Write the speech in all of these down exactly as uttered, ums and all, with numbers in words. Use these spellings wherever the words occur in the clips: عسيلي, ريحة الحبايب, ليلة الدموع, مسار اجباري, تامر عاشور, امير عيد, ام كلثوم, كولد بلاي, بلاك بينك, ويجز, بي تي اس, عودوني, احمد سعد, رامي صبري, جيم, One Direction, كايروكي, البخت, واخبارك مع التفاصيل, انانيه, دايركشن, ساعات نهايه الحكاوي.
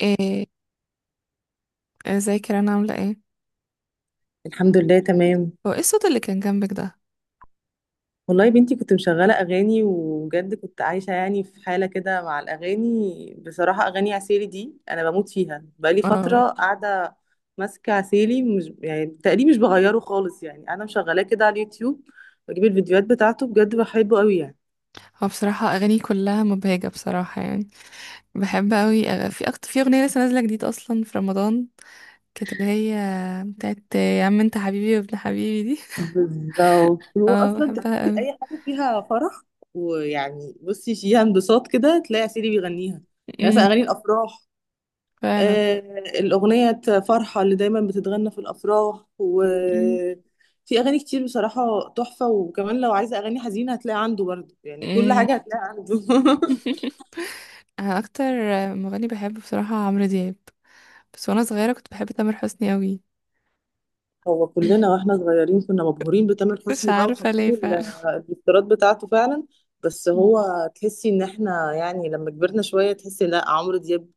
ايه، ازيك يا رنا، عاملة ايه؟ الحمد لله تمام. هو ايه الصوت اللي كان جنبك ده؟ والله يا بنتي كنت مشغلة أغاني، وبجد كنت عايشة يعني في حالة كده مع الأغاني، بصراحة أغاني عسيلي دي أنا بموت فيها بقالي اه. فترة قاعدة ماسكة عسيلي، مش يعني تقريبا مش بغيره خالص، يعني أنا مشغلاه كده على اليوتيوب، بجيب الفيديوهات بتاعته، بجد بحبه قوي يعني. هو بصراحة اغاني كلها مبهجة، بصراحة يعني. بحب اوي، أغ- في أكتر، في اغنية لسه نازلة جديد اصلا في رمضان، كانت اللي هي بتاعت يا عم انت حبيبي وابن حبيبي دي. بالظبط، هو اه، أصلا بحبها تحسي اوي. أي حاجة فيها فرح ويعني بصي فيها انبساط كده تلاقي عسيلي بيغنيها. يعني أمم، مثلا أغاني الأفراح. فعلا. آه، الأغنية فرحة اللي دايما بتتغنى في الأفراح، أمم، وفي أغاني كتير بصراحة تحفة. وكمان لو عايزة أغاني حزينة هتلاقي عنده برضه، يعني كل أمم. حاجة هتلاقي عنده انا اكتر مغني بحبه بصراحة عمرو دياب، بس وانا صغيرة كنت بحب تامر حسني اوي. هو كلنا واحنا صغيرين كنا مبهورين بتامر مش حسني بقى عارفة وحاسين ليه ال- فعلا. الافتراض بتاعته فعلا. بس هو تحسي ان احنا يعني لما كبرنا شوية تحسي، لا عمرو دياب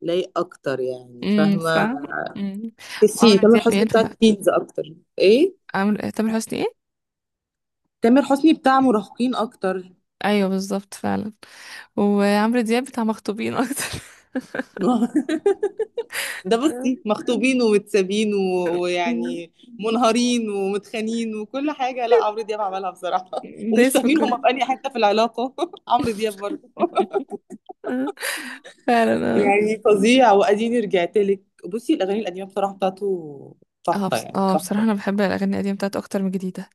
لايق اكتر، يعني امم، فاهمة. صح. امم وعمرو تحسي تامر دياب حسني بتاع ينفع. تينز اكتر. ايه، عمرو تامر حسني ايه؟ تامر حسني بتاع مراهقين اكتر. ايوه، بالظبط فعلا. وعمرو دياب بتاع مخطوبين اكتر. ده آه. بصي مخطوبين ومتسابين و- أمم. ويعني منهارين ومتخانين وكل حاجة، لا عمرو دياب عملها بصراحة ومش دايس في فاهمين كله. هما في أي حتة في العلاقة عمرو دياب برضه آه. فعلا اه يعني فظيع، وأديني رجعت لك. بصي الأغاني القديمة بصراحة بتاعته اه. تحفة، بص... يعني اه بصراحة تحفة. انا بحب الاغاني القديمة بتاعت اكتر من الجديدة.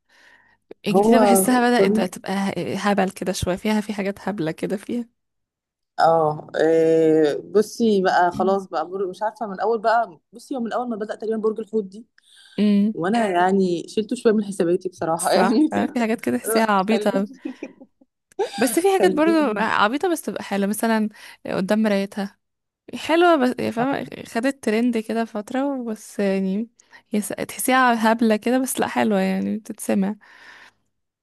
الجديدة هو بحسها بدأت بقى جميل. تبقى ه- هبل كده شوية، فيها في حاجات هبلة كده فيها. اه إيه، بصي بقى أمم. خلاص بقى بر... مش عارفة، من أول بقى بصي، هو من أول ما بدأ تقريبا برج الحوت دي أمم. وأنا يعني شلته شوية من حساباتي بصراحة صح. يعني. آه، في حاجات كده تحسيها لا، خليني. عبيطة. بس في حاجات برضو خليني. عبيطة بس تبقى حلوة، مثلا قدام مرايتها حلوة، بس يا فاهمة خدت ترند كده فترة بس يعني. هي س- تحسيها هبلة كده، بس لا حلوة يعني بتتسمع.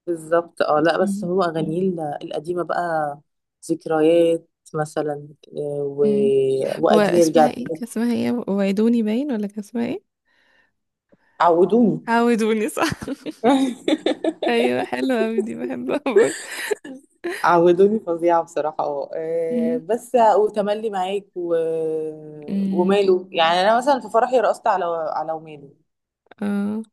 بالظبط. اه لا، بس مم. هو اغانيه ال- القديمه بقى، ذكريات مثلا، آه، و... مم. وادي يرجع واسمها ايه؟ تاني. كان اسمها ايه؟ وعدوني باين؟ ولا كان اسمها ايه؟ عودوني. عودوني. صح. ايوه، حلوة اوي دي، بحبها برضه. عودوني فظيعه بصراحه، اه آه، مم. بس. وتملي معاك و... مم. وماله. يعني انا مثلا في فرحي رقصت على، على وماله، اه،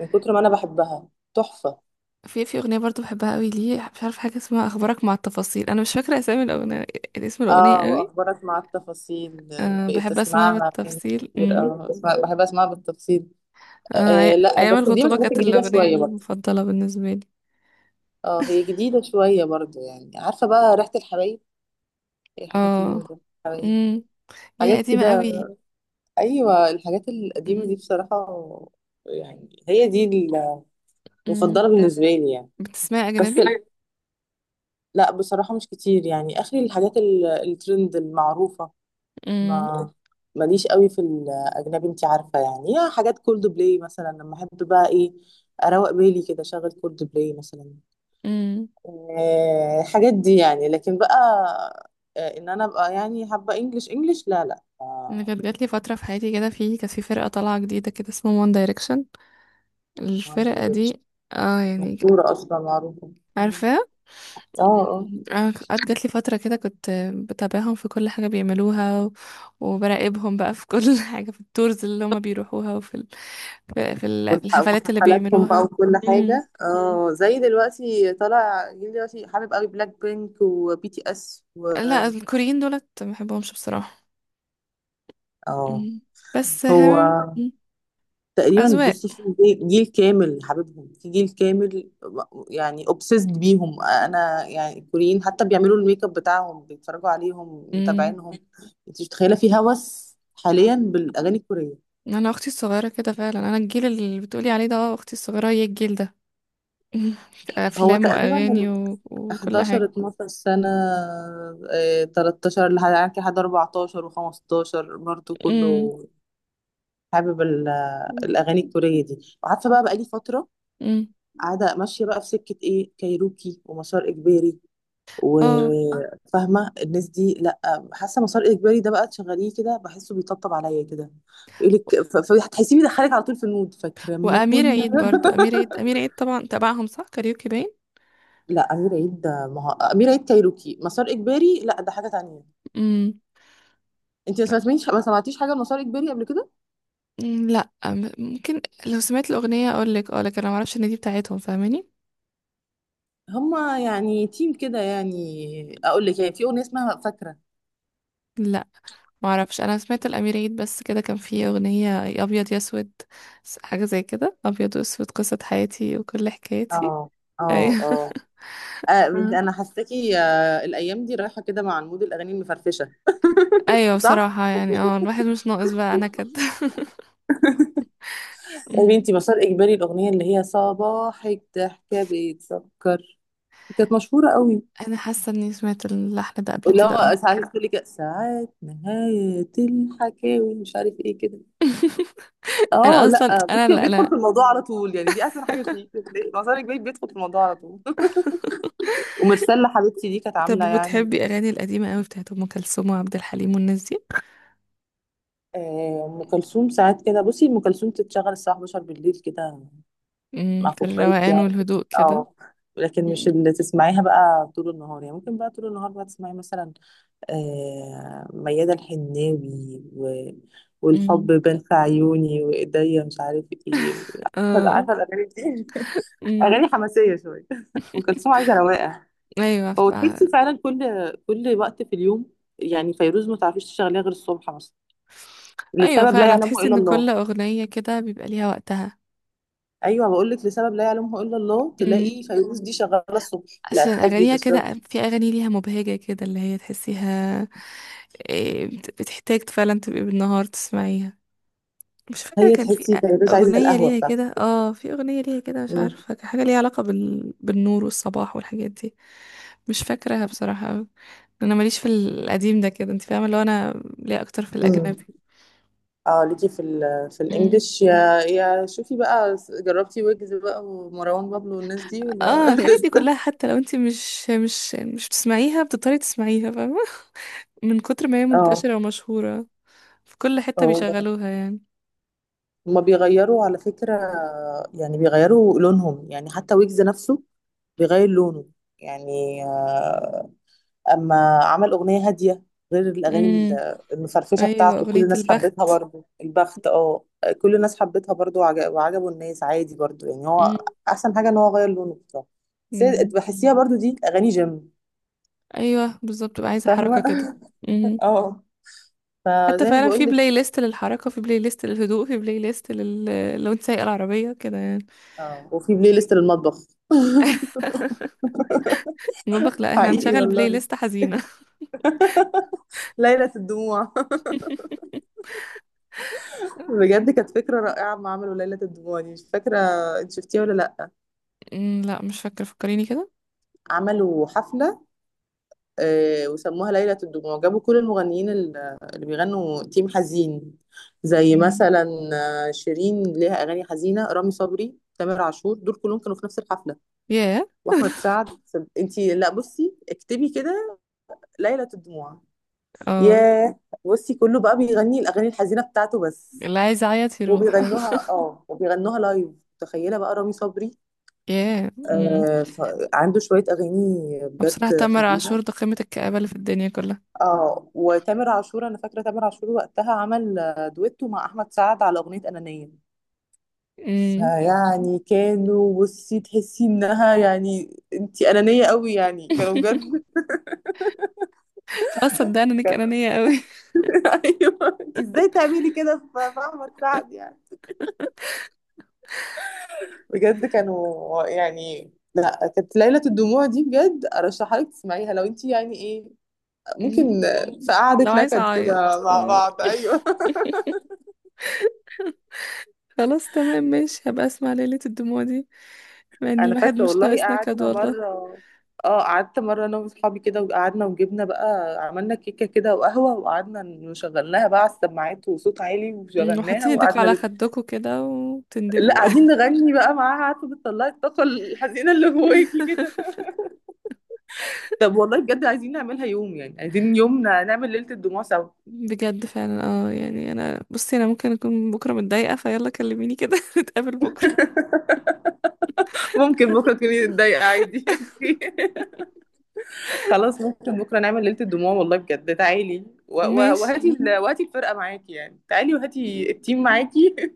من كتر ما انا بحبها. تحفه. في في اغنية برضه بحبها قوي ليه، مش عارفة، حاجة اسمها اخبارك مع التفاصيل، انا مش فاكرة اسامي الاغنية، اسم الاغنية اه قوي. واخبارك مع التفاصيل، آه، أه بقيت بحب اسمعها اسمعها بالتفصيل. كتير، مم. آه، اسمع- بحب اسمعها بالتفصيل. آه، آه أي- لا، ايام بس دي من الخطوبة الحاجات كانت الجديده الأغنية شويه برضه. المفضلة بالنسبة لي. اه هي جديدة شوية برضو، يعني عارفة بقى ريحة الحبايب، هي حاجات تيجي من اه. ريحة الحبايب، امم يا حاجات قديمة كده. قوي. أيوة، الحاجات القديمة دي امم. بصراحة يعني هي دي امم. المفضلة بالنسبة لي يعني. بتسمعي بس أجنبي؟ ال- لا بصراحة مش كتير، يعني آخري الحاجات ال- الترند المعروفة. امم. ما ماليش قوي في الأجنبي، انتي عارفة يعني، يا حاجات كولد بلاي مثلا، لما أحب بقى إيه أروق بالي كده أشغل كولد بلاي مثلا. امم. آه، الحاجات دي يعني، لكن بقى آه، ان انا ابقى يعني حابه انجلش، انجلش لا لا، انا آه. كانت جات لي فترة في حياتي كده، في كانت في فرقة طالعة جديدة كده اسمها وان دايركشن. وان الفرقة دايركشن دي، اه يعني، مشهوره اصلا، معروفه. مم. عارفاها؟ اه اه. أنا قعدت، جات لي فترة كده كنت بتابعهم في كل حاجة بيعملوها، و- وبراقبهم بقى في كل حاجة في التورز اللي هما بيروحوها وفي ال... في في ال- في والح- الحفلات اللي وحفلاتهم بقى بيعملوها. وكل امم حاجه. اه زي دلوقتي طالع جيل، دلوقتي حابب قوي بلاك بينك وبي تي اس و بي تي لا، إس و- الكوريين دولت ما بحبهمش بصراحة. اه. مم. بس هو هل. مم. تقريبا أذواق. بصي في جيل جيل كامل حبيبهم، في جيل كامل، يعني obsessed بيهم. انا يعني الكوريين حتى بيعملوا الميك اب بتاعهم بيتفرجوا عليهم مم. متابعينهم، انت مش متخيله في هوس حاليا بالاغاني الكوريه. انا اختي الصغيره كده فعلا، انا الجيل اللي بتقولي عليه ده، اه اختي الصغيره هي الجيل ده. هو افلام تقريبا واغاني ال و... وكل حداشر حاجه. اثنا عشر سنه، آه، تلتاشر لحد لحد اربعتاشر وخمسة عشر برضه امم. كله حابب ال- الاغاني الكوريه دي. وعارفه بقى بقالي فتره امم. قاعده ماشيه بقى في سكه ايه، كايروكي ومسار اجباري، اه، وفاهمه الناس دي. لا، حاسه مسار اجباري ده بقى تشغليه كده بحسه بيطبطب عليا كده، يقول لك، فهتحسيه بيدخلك على طول في المود فاكره ما وامير كنا عيد برضو، امير عيد امير عيد طبعا تبعهم، صح كاريوكي باين. لا امير عيد ده، ما هو امير عيد كايروكي مسار اجباري، لا ده حاجه تانية. امم انت ما سمعتيش ما سمعتيش حاجه لمسار اجباري قبل كده. لا، أم- ممكن لو سمعت الاغنيه اقول لك، اه لكن انا ما اعرفش ان دي بتاعتهم، فاهماني؟ هما يعني تيم كده، يعني اقول لك، يعني في اغنيه اسمها فاكره. لا، ما اعرفش. انا سمعت الامير عيد بس كده، كان فيه اغنيه يا ابيض يا اسود، س- حاجه زي كده، ابيض واسود قصه حياتي وكل حكايتي. اه اه ايوه. اه، آه، أه. انا حاساكي آه، الايام دي رايحه كده مع المود الاغاني المفرفشه. ايوه صح. بصراحه يعني، اه الواحد مش ناقص بقى انا كده. يا أمم. بنتي مسار اجباري، الاغنيه اللي هي صباحك ضحكه بيتسكر، كانت مشهوره قوي. انا حاسه اني سمعت اللحن ده قبل اللي كده، اه. هو ساعات تقول لك، ساعات نهايه الحكاوي، مش عارف ايه كده. اه انا اصلا، لا، انا بصي هو اللي بيدخل انا. في الموضوع على طول، يعني دي احسن حاجه فيه. بتلاقي مسار اجباري بيدخل في الموضوع على طول ومرسله حبيبتي دي كانت طب، عامله يعني. بتحبي اغاني القديمه قوي بتاعت ام كلثوم وعبد الحليم والناس دي؟ آه، ام كلثوم ساعات كده بصي ام كلثوم تتشغل الساعه الحادية عشرة بالليل كده، أمم، مع في كوبايه الروقان يعني. والهدوء كده. اه. لكن أمم. مش اللي تسمعيها بقى طول النهار، يعني ممكن بقى طول النهار بقى تسمعي مثلا آه، ميادة الحناوي، و... والحب أمم. بان في عيوني وايديا مش عارف ايه، عارفه، اه. عارفة الاغاني دي. أمم. اغاني حماسيه شويه. ام كلثوم عايزه رواقه. ايوه، هو تحسي فعلا كل كل وقت في اليوم، يعني فيروز ما تعرفيش تشغليها غير الصبح مثلا، ايوه، لسبب لا فعلا يعلمه تحس الا ان كل الله. اغنيه كده بيبقى ليها وقتها. ايوه، بقول لك لسبب لا يعلمه الا الله امم تلاقي فيروز دي شغاله الصبح، لا عشان تحبي اغانيها تشربي. كده، في اغاني ليها مبهجه كده اللي هي تحسيها. إيه، بت- بتحتاج فعلا تبقي بالنهار تسمعيها. مش فاكره هي كان في تحسي أ- فيروز عايزه اغنيه القهوه ليها بتاعتك. كده اه في اغنيه ليها كده، مش عارفه كان حاجه ليها علاقه بال... بالنور والصباح والحاجات دي. مش فاكراها بصراحه أوي. انا ماليش في القديم ده كده، انت فاهمه، اللي هو انا ليا اكتر في مم. الاجنبي. اه، ليكي في ال في الانجليش، يا يا شوفي بقى جربتي ويجز بقى ومروان بابلو والناس دي اه، ولا الحاجات دي لسه. كلها، حتى لو انت مش مش مش بتسمعيها بتضطري تسمعيها، فاهمة؟ من كتر ما هي اه، منتشرة ومشهورة، في كل حتة هو بيشغلوها يعني. هما بيغيروا على فكرة، يعني بيغيروا لونهم، يعني حتى ويجز نفسه بيغير لونه، يعني آه، اما عمل اغنية هادية غير الاغاني امم، ال- المفرفشة ايوه بتاعته كل اغنية الناس حبتها البخت. برضو، البخت، اه. كل الناس حبتها برضو وعج- وعجبوا الناس عادي برضو، يعني هو امم. احسن حاجة ان هو غير لونه بصراحة. بس هي- أمم. بحسيها برضو دي اغاني جيم. ايوه، بالظبط بقى، عايزة حركة فاهمة. كده. امم اه، حتى فزي ما فعلا في بقولك. بلاي ليست للحركة، في بلاي ليست للهدوء، في بلاي ليست لل... لو انت سايقة العربية كده يعني. اه، وفي بلاي ليست للمطبخ. المطبخ. لا، احنا حقيقي هنشغل بلاي والله، ليست حزينة. ليلة الدموع بجد كانت فكرة رائعة ما عملوا ليلة الدموع دي. مش فاكرة انت شفتيها ولا لأ. أمم، لا مش فاكرة، فكريني كده. عملوا حفلة آه، وسموها ليلة الدموع، جابوا كل المغنيين ال- اللي بيغنوا تيم حزين، زي مم. مثلا آه، شيرين ليها أغاني حزينة، رامي صبري، تامر عاشور، دول كلهم كانوا في نفس الحفلة، ياه. وأحمد سعد. انت لا بصي، اكتبي كده ليلة الدموع. اه، ياه. بصي كله بقى بيغني الاغاني الحزينه بتاعته بس، اللي عايز يعيط يروح. وبيغنوها اه، وبيغنوها لايف. تخيله بقى رامي صبري، ياه. امم آه، ف- عنده شويه اغاني وبصراحة بجد تامر عاشور حزينه. ده قمة الكآبة اللي في الدنيا كلها. اه، وتامر عاشور. انا فاكره تامر عاشور وقتها عمل آه، دويتو مع احمد سعد على اغنيه انانيه، امم. فيعني كانوا بصي تحسي انها يعني انت انانيه قوي يعني، كانوا بجد خلاص صدقني انك انانية قوي. ايوه انت ازاي تعملي كده في في احمد سعد يعني. بجد كانوا يعني، لا كانت ليلة الدموع دي بجد ارشحها لك تسمعيها، لو انت يعني ايه مم. ممكن في قعدة لو عايزة نكد اعيط، كده مع آه. بعض، ايوه. خلاص تمام ماشي، هبقى اسمع ليلة الدموع دي. يعني انا الواحد فاكره مش والله ناقص نكد، قعدنا والله. مره، اه قعدت مره انا واصحابي كده وقعدنا، وجبنا بقى عملنا كيكه كده وقهوه، وقعدنا نشغلناها بقى على السماعات وصوت عالي مم، وشغلناها وحاطين ايديكوا وقعدنا على نك... خدكوا كده لا وتندبوا بقى. قاعدين نغني بقى معاها، عارفه بتطلعي الطاقه الحزينه اللي جواكي كده. طب والله بجد عايزين نعملها يوم، يعني عايزين يوم نعمل ليله الدموع سوا. بجد فعلا اه يعني، انا بصي، انا ممكن اكون بكرة متضايقة، فيلا كلميني كده. نتقابل بكرة. ممكن بكرة تكوني متضايقة عادي خلاص، ممكن بكرة نعمل ليلة الدموع والله، بجد تعالي و- و- ماشي، وهاتي ال- وهاتي الفرقة معاكي، يعني تعالي وهاتي التيم معاكي.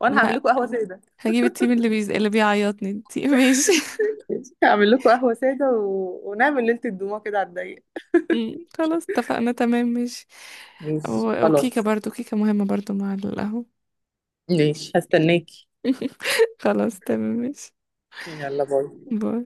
وانا هعمل ما لكم قهوة سادة. هجيب التيم اللي بيز... اللي بيعيطني. انتي ماشي. هعمل لكم قهوة سادة و... ونعمل ليلة الدموع كده على الضيق. مم، خلاص اتفقنا تمام ماشي. ماشي، و- وكيكة خلاص. برضو، كيكة مهمة برضو مع القهوة. ماشي، هستناكي. خلاص تمام ماشي. يلا باي. باي.